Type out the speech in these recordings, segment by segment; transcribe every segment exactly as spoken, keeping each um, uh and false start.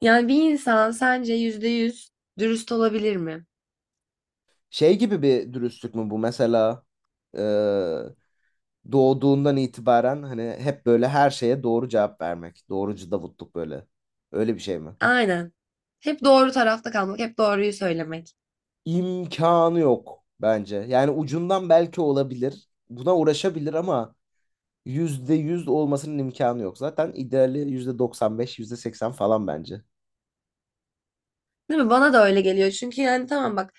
Yani bir insan sence yüzde yüz dürüst olabilir mi? Şey gibi bir dürüstlük mü bu mesela e, doğduğundan itibaren hani hep böyle her şeye doğru cevap vermek. Doğrucu Davutluk böyle. Öyle bir şey mi? Aynen. Hep doğru tarafta kalmak, hep doğruyu söylemek. İmkanı yok bence. Yani ucundan belki olabilir. Buna uğraşabilir ama yüzde yüz olmasının imkanı yok. Zaten ideali yüzde doksan beş, yüzde seksen falan bence. Değil mi? Bana da öyle geliyor. Çünkü yani tamam bak,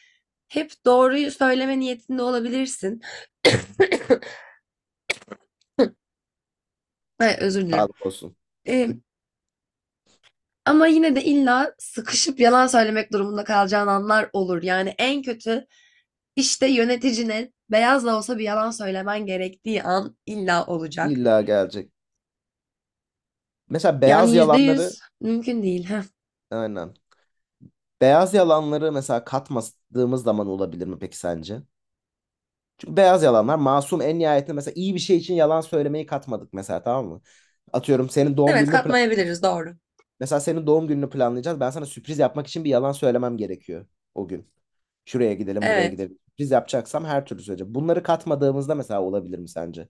hep doğruyu söyleme niyetinde olabilirsin. Ay, özür dilerim. Sağlık olsun. Ee, ama yine de illa sıkışıp yalan söylemek durumunda kalacağın anlar olur. Yani en kötü işte yöneticine beyaz da olsa bir yalan söylemen gerektiği an illa olacak. İlla gelecek. Mesela beyaz Yani yüzde yalanları, yüz mümkün değil. aynen. Beyaz yalanları mesela katmadığımız zaman olabilir mi peki sence? Çünkü beyaz yalanlar masum en nihayetinde, mesela iyi bir şey için yalan söylemeyi katmadık mesela, tamam mı? Atıyorum senin doğum Evet, gününü planlayacağız. katmayabiliriz. Doğru. Mesela senin doğum gününü planlayacağız. Ben sana sürpriz yapmak için bir yalan söylemem gerekiyor o gün. Şuraya gidelim, buraya Evet, gidelim. Sürpriz yapacaksam her türlü söyleyeceğim. Bunları katmadığımızda mesela olabilir mi sence?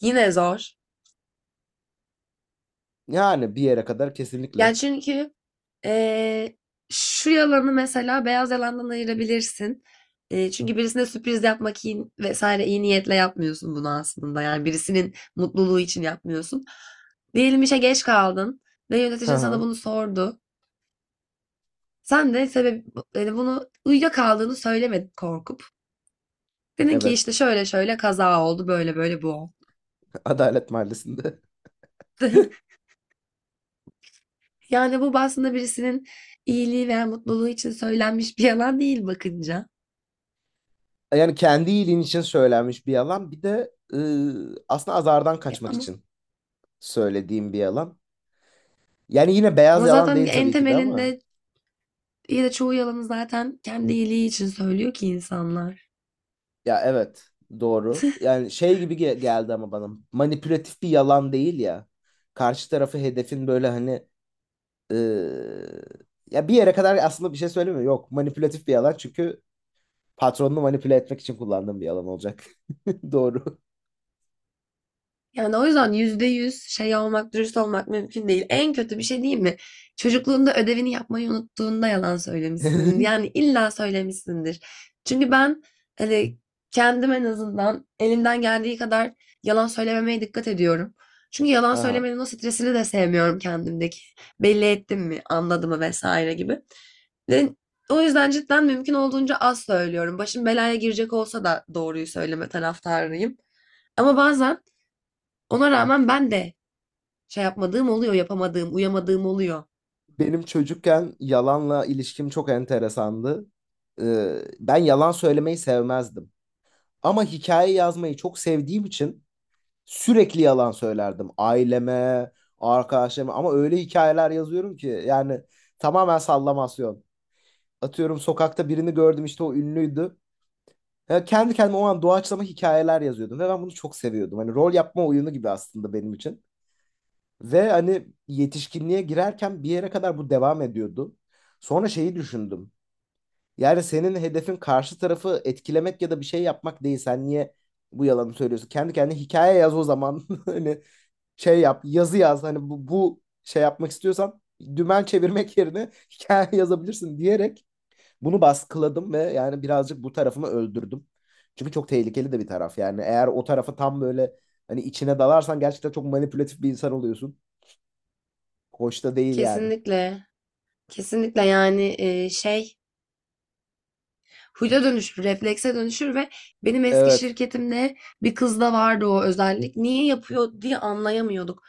yine zor. Yani bir yere kadar kesinlikle. Yani çünkü eee, şu yalanı mesela beyaz yalandan ayırabilirsin. Eee, çünkü birisine sürpriz yapmak iyi, vesaire iyi niyetle yapmıyorsun bunu aslında. Yani birisinin mutluluğu için yapmıyorsun. Diyelim işe geç kaldın ve Hı yöneticin sana hı. bunu sordu. Sen de sebep yani bunu uyuyakaldığını söylemedin korkup. Dedin ki Evet. işte şöyle şöyle kaza oldu böyle böyle bu oldu. Adalet Mahallesi'nde. Yani bu aslında birisinin iyiliği veya mutluluğu için söylenmiş bir yalan değil bakınca. Yani kendi iyiliğin için söylenmiş bir yalan. Bir de ıı, aslında azardan E, kaçmak ama için söylediğim bir yalan. Yani yine beyaz ama yalan zaten değil en tabii ki de ama. temelinde ya da çoğu yalanı zaten kendi iyiliği için söylüyor ki insanlar. Ya evet, doğru. Yani şey gibi ge- geldi, ama bana manipülatif bir yalan değil ya. Karşı tarafı hedefin böyle hani eee, ya bir yere kadar aslında bir şey söylemiyor. Yok, manipülatif bir yalan çünkü patronunu manipüle etmek için kullandığım bir yalan olacak. Doğru. Yani o yüzden yüzde yüz şey olmak, dürüst olmak mümkün değil. En kötü bir şey değil mi? Çocukluğunda ödevini yapmayı unuttuğunda yalan söylemişsindir. Yani illa söylemişsindir. Çünkü ben hani kendim en azından elimden geldiği kadar yalan söylememeye dikkat ediyorum. Çünkü yalan Aha. söylemenin o stresini de sevmiyorum kendimdeki. Belli ettim mi, anladım mı vesaire gibi. Ve o yüzden cidden mümkün olduğunca az söylüyorum. Başım belaya girecek olsa da doğruyu söyleme taraftarıyım. Ama bazen ona rağmen ben de şey yapmadığım oluyor, yapamadığım, uyamadığım oluyor. Benim çocukken yalanla ilişkim çok enteresandı. Eee, ben yalan söylemeyi sevmezdim. Ama hikaye yazmayı çok sevdiğim için sürekli yalan söylerdim aileme, arkadaşlarıma, ama öyle hikayeler yazıyorum ki yani tamamen sallamasyon. Atıyorum sokakta birini gördüm, işte o ünlüydü. Ya kendi kendime o an doğaçlama hikayeler yazıyordum ve ben bunu çok seviyordum. Hani rol yapma oyunu gibi aslında benim için. Ve hani yetişkinliğe girerken bir yere kadar bu devam ediyordu. Sonra şeyi düşündüm. Yani senin hedefin karşı tarafı etkilemek ya da bir şey yapmak değil. Sen niye bu yalanı söylüyorsun? Kendi kendine hikaye yaz o zaman. Hani şey yap, yazı yaz. Hani bu, bu şey yapmak istiyorsan dümen çevirmek yerine hikaye yazabilirsin diyerek bunu baskıladım ve yani birazcık bu tarafımı öldürdüm. Çünkü çok tehlikeli de bir taraf. Yani eğer o tarafa tam böyle hani içine dalarsan gerçekten çok manipülatif bir insan oluyorsun. Hoş da değil yani. Kesinlikle. Kesinlikle yani e, şey huyda dönüşür, reflekse dönüşür ve benim eski Evet. şirketimde bir kızda vardı o özellik. Niye yapıyor diye anlayamıyorduk.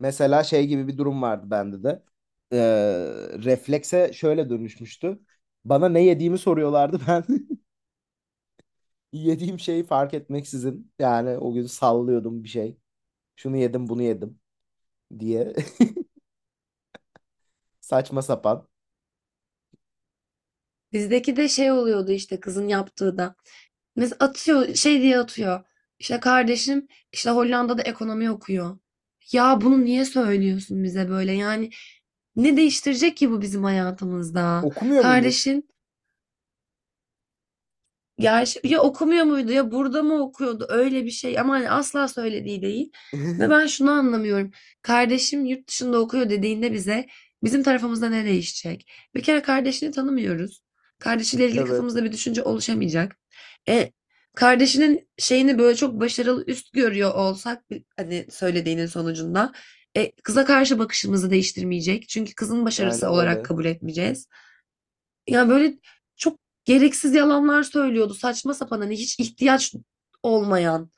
Mesela şey gibi bir durum vardı bende de. Ee, Reflekse şöyle dönüşmüştü. Bana ne yediğimi soruyorlardı ben. Yediğim şeyi fark etmeksizin yani o gün sallıyordum bir şey. Şunu yedim, bunu yedim diye saçma sapan. Bizdeki de şey oluyordu işte kızın yaptığı da. Mesela atıyor şey diye atıyor. İşte kardeşim işte Hollanda'da ekonomi okuyor. Ya bunu niye söylüyorsun bize böyle? Yani ne değiştirecek ki bu bizim hayatımızda? Okumuyor muymuş? Kardeşin. Ya, ş- ya okumuyor muydu ya burada mı okuyordu öyle bir şey ama hani asla söylediği değil. Ve ben şunu anlamıyorum. Kardeşim yurt dışında okuyor dediğinde bize bizim tarafımızda ne değişecek? Bir kere kardeşini tanımıyoruz. Kardeşiyle ilgili Evet, kafamızda bir düşünce oluşamayacak. E, kardeşinin şeyini böyle çok başarılı üst görüyor olsak bir- hani söylediğinin sonucunda e, kıza karşı bakışımızı değiştirmeyecek. Çünkü kızın başarısı aynen olarak öyle. kabul etmeyeceğiz. Yani böyle çok gereksiz yalanlar söylüyordu. Saçma sapan, hani, hiç ihtiyaç olmayan.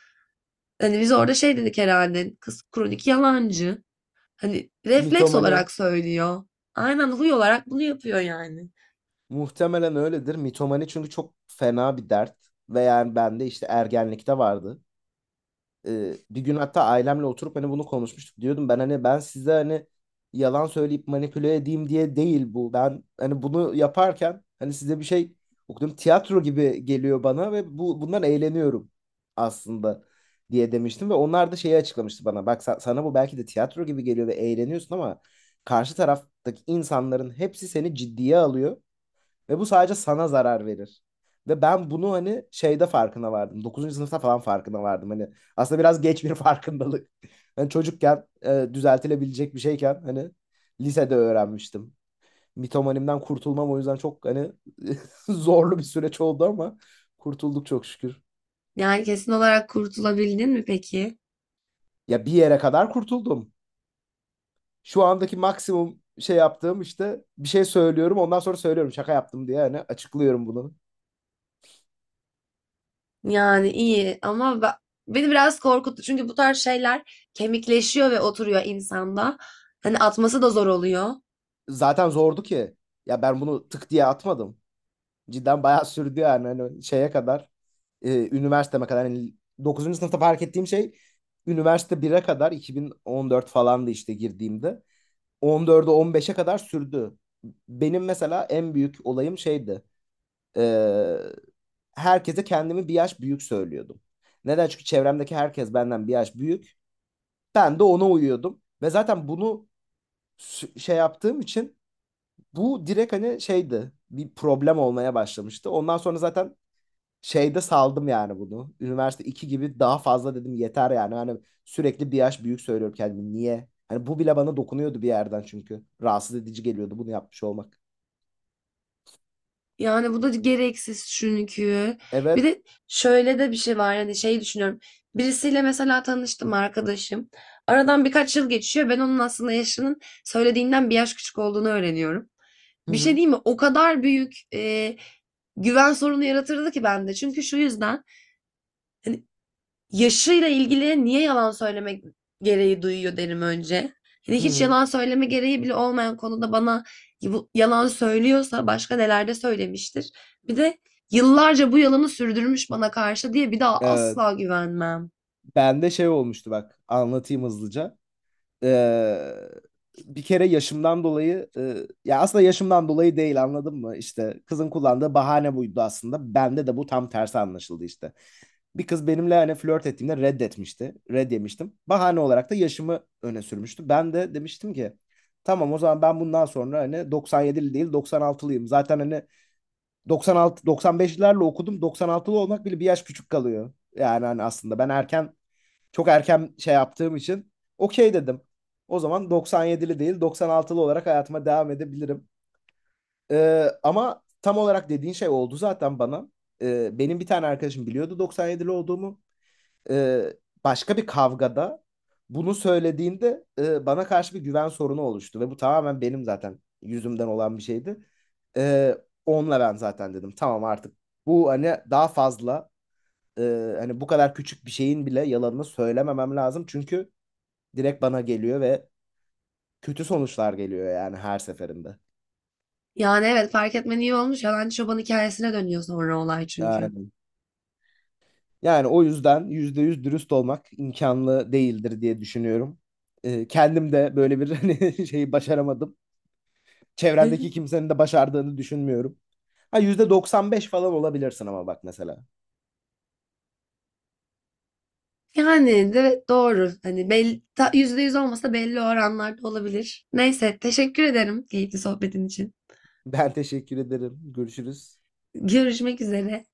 Hani, biz orada şey dedik herhalde, "Kız kronik yalancı." Hani, refleks Mitomani olarak söylüyor. Aynen, huy olarak bunu yapıyor yani. muhtemelen öyledir. Mitomani çünkü çok fena bir dert ve yani bende işte ergenlikte vardı. E, bir gün hatta ailemle oturup hani bunu konuşmuştuk. Diyordum ben hani, ben size hani yalan söyleyip manipüle edeyim diye değil bu. Ben hani bunu yaparken hani size bir şey okudum, tiyatro gibi geliyor bana ve bu bundan eğleniyorum aslında diye demiştim ve onlar da şeyi açıklamıştı bana. Bak sa- sana bu belki de tiyatro gibi geliyor ve eğleniyorsun, ama karşı taraftaki insanların hepsi seni ciddiye alıyor ve bu sadece sana zarar verir. Ve ben bunu hani şeyde farkına vardım. Dokuzuncu sınıfta falan farkına vardım. Hani aslında biraz geç bir farkındalık. Ben çocukken e, düzeltilebilecek bir şeyken hani lisede öğrenmiştim. Mitomanimden kurtulmam o yüzden çok hani zorlu bir süreç oldu ama kurtulduk çok şükür. Yani, kesin olarak kurtulabildin mi peki? Ya bir yere kadar kurtuldum. Şu andaki maksimum şey yaptığım, işte bir şey söylüyorum ondan sonra söylüyorum şaka yaptım diye, hani açıklıyorum bunu. Yani, iyi ama be beni biraz korkuttu. Çünkü bu tarz şeyler kemikleşiyor ve oturuyor insanda. Hani, atması da zor oluyor. Zaten zordu ki. Ya ben bunu tık diye atmadım. Cidden bayağı sürdü yani hani şeye kadar, e, üniversiteme kadar yani, dokuzuncu sınıfta fark ettiğim şey üniversite bire kadar iki bin on dört falandı işte girdiğimde. on dörde, on beşe kadar sürdü. Benim mesela en büyük olayım şeydi. e, Herkese kendimi bir yaş büyük söylüyordum. Neden? Çünkü çevremdeki herkes benden bir yaş büyük. Ben de ona uyuyordum. Ve zaten bunu sü- şey yaptığım için bu direkt hani şeydi. Bir problem olmaya başlamıştı. Ondan sonra zaten şeyde saldım yani bunu. Üniversite iki gibi daha fazla dedim, yeter yani. Hani sürekli bir yaş büyük söylüyorum kendimi. Niye? Hani bu bile bana dokunuyordu bir yerden çünkü. Rahatsız edici geliyordu bunu yapmış olmak. Yani bu da gereksiz çünkü. Bir Evet. de şöyle de bir şey var. Yani şey düşünüyorum. Birisiyle mesela tanıştım arkadaşım. Aradan birkaç yıl geçiyor. Ben onun aslında yaşının söylediğinden bir yaş küçük olduğunu öğreniyorum. Hı Bir şey hı. değil mi? O kadar büyük e, güven sorunu yaratırdı ki bende. Çünkü şu yüzden hani, yaşıyla ilgili niye yalan söylemek gereği duyuyor derim önce. Hani Hı hiç hı. yalan söyleme gereği bile olmayan konuda bana yalan söylüyorsa başka nelerde söylemiştir. Bir de yıllarca bu yalanı sürdürmüş bana karşı diye bir daha Ee, asla güvenmem. Bende şey olmuştu, bak anlatayım hızlıca. Ee, Bir kere yaşımdan dolayı e, ya aslında yaşımdan dolayı değil, anladın mı? İşte kızın kullandığı bahane buydu aslında. Bende de bu tam tersi anlaşıldı işte. Bir kız benimle hani flört ettiğimde reddetmişti. Red yemiştim. Bahane olarak da yaşımı öne sürmüştü. Ben de demiştim ki tamam, o zaman ben bundan sonra hani doksan yedili değil doksan altılıyım. Zaten hani doksan altı, doksan beşlerle okudum. doksan altılı olmak bile bir yaş küçük kalıyor. Yani hani aslında ben erken, çok erken şey yaptığım için okey dedim. O zaman doksan yedili değil doksan altılı olarak hayatıma devam edebilirim. Ee, ama tam olarak dediğin şey oldu zaten bana. Ee, benim bir tane arkadaşım biliyordu doksan yedili olduğumu, e, başka bir kavgada bunu söylediğinde e, bana karşı bir güven sorunu oluştu ve bu tamamen benim zaten yüzümden olan bir şeydi. E, Onunla ben zaten dedim tamam, artık bu hani daha fazla, e, hani bu kadar küçük bir şeyin bile yalanını söylememem lazım çünkü direkt bana geliyor ve kötü sonuçlar geliyor yani her seferinde. Yani evet fark etmen iyi olmuş. Yalancı çoban hikayesine dönüyor sonra olay çünkü. Yani, yani o yüzden yüzde yüz dürüst olmak imkanlı değildir diye düşünüyorum. E, kendim de böyle bir hani şeyi başaramadım. Çevremdeki kimsenin de başardığını düşünmüyorum. Ha, yüzde doksan beş falan olabilirsin ama bak mesela. Yani evet doğru. Hani belli, ta- yüzde yüz olmasa da belli oranlarda olabilir. Neyse teşekkür ederim keyifli sohbetin için. Ben teşekkür ederim. Görüşürüz. Görüşmek üzere.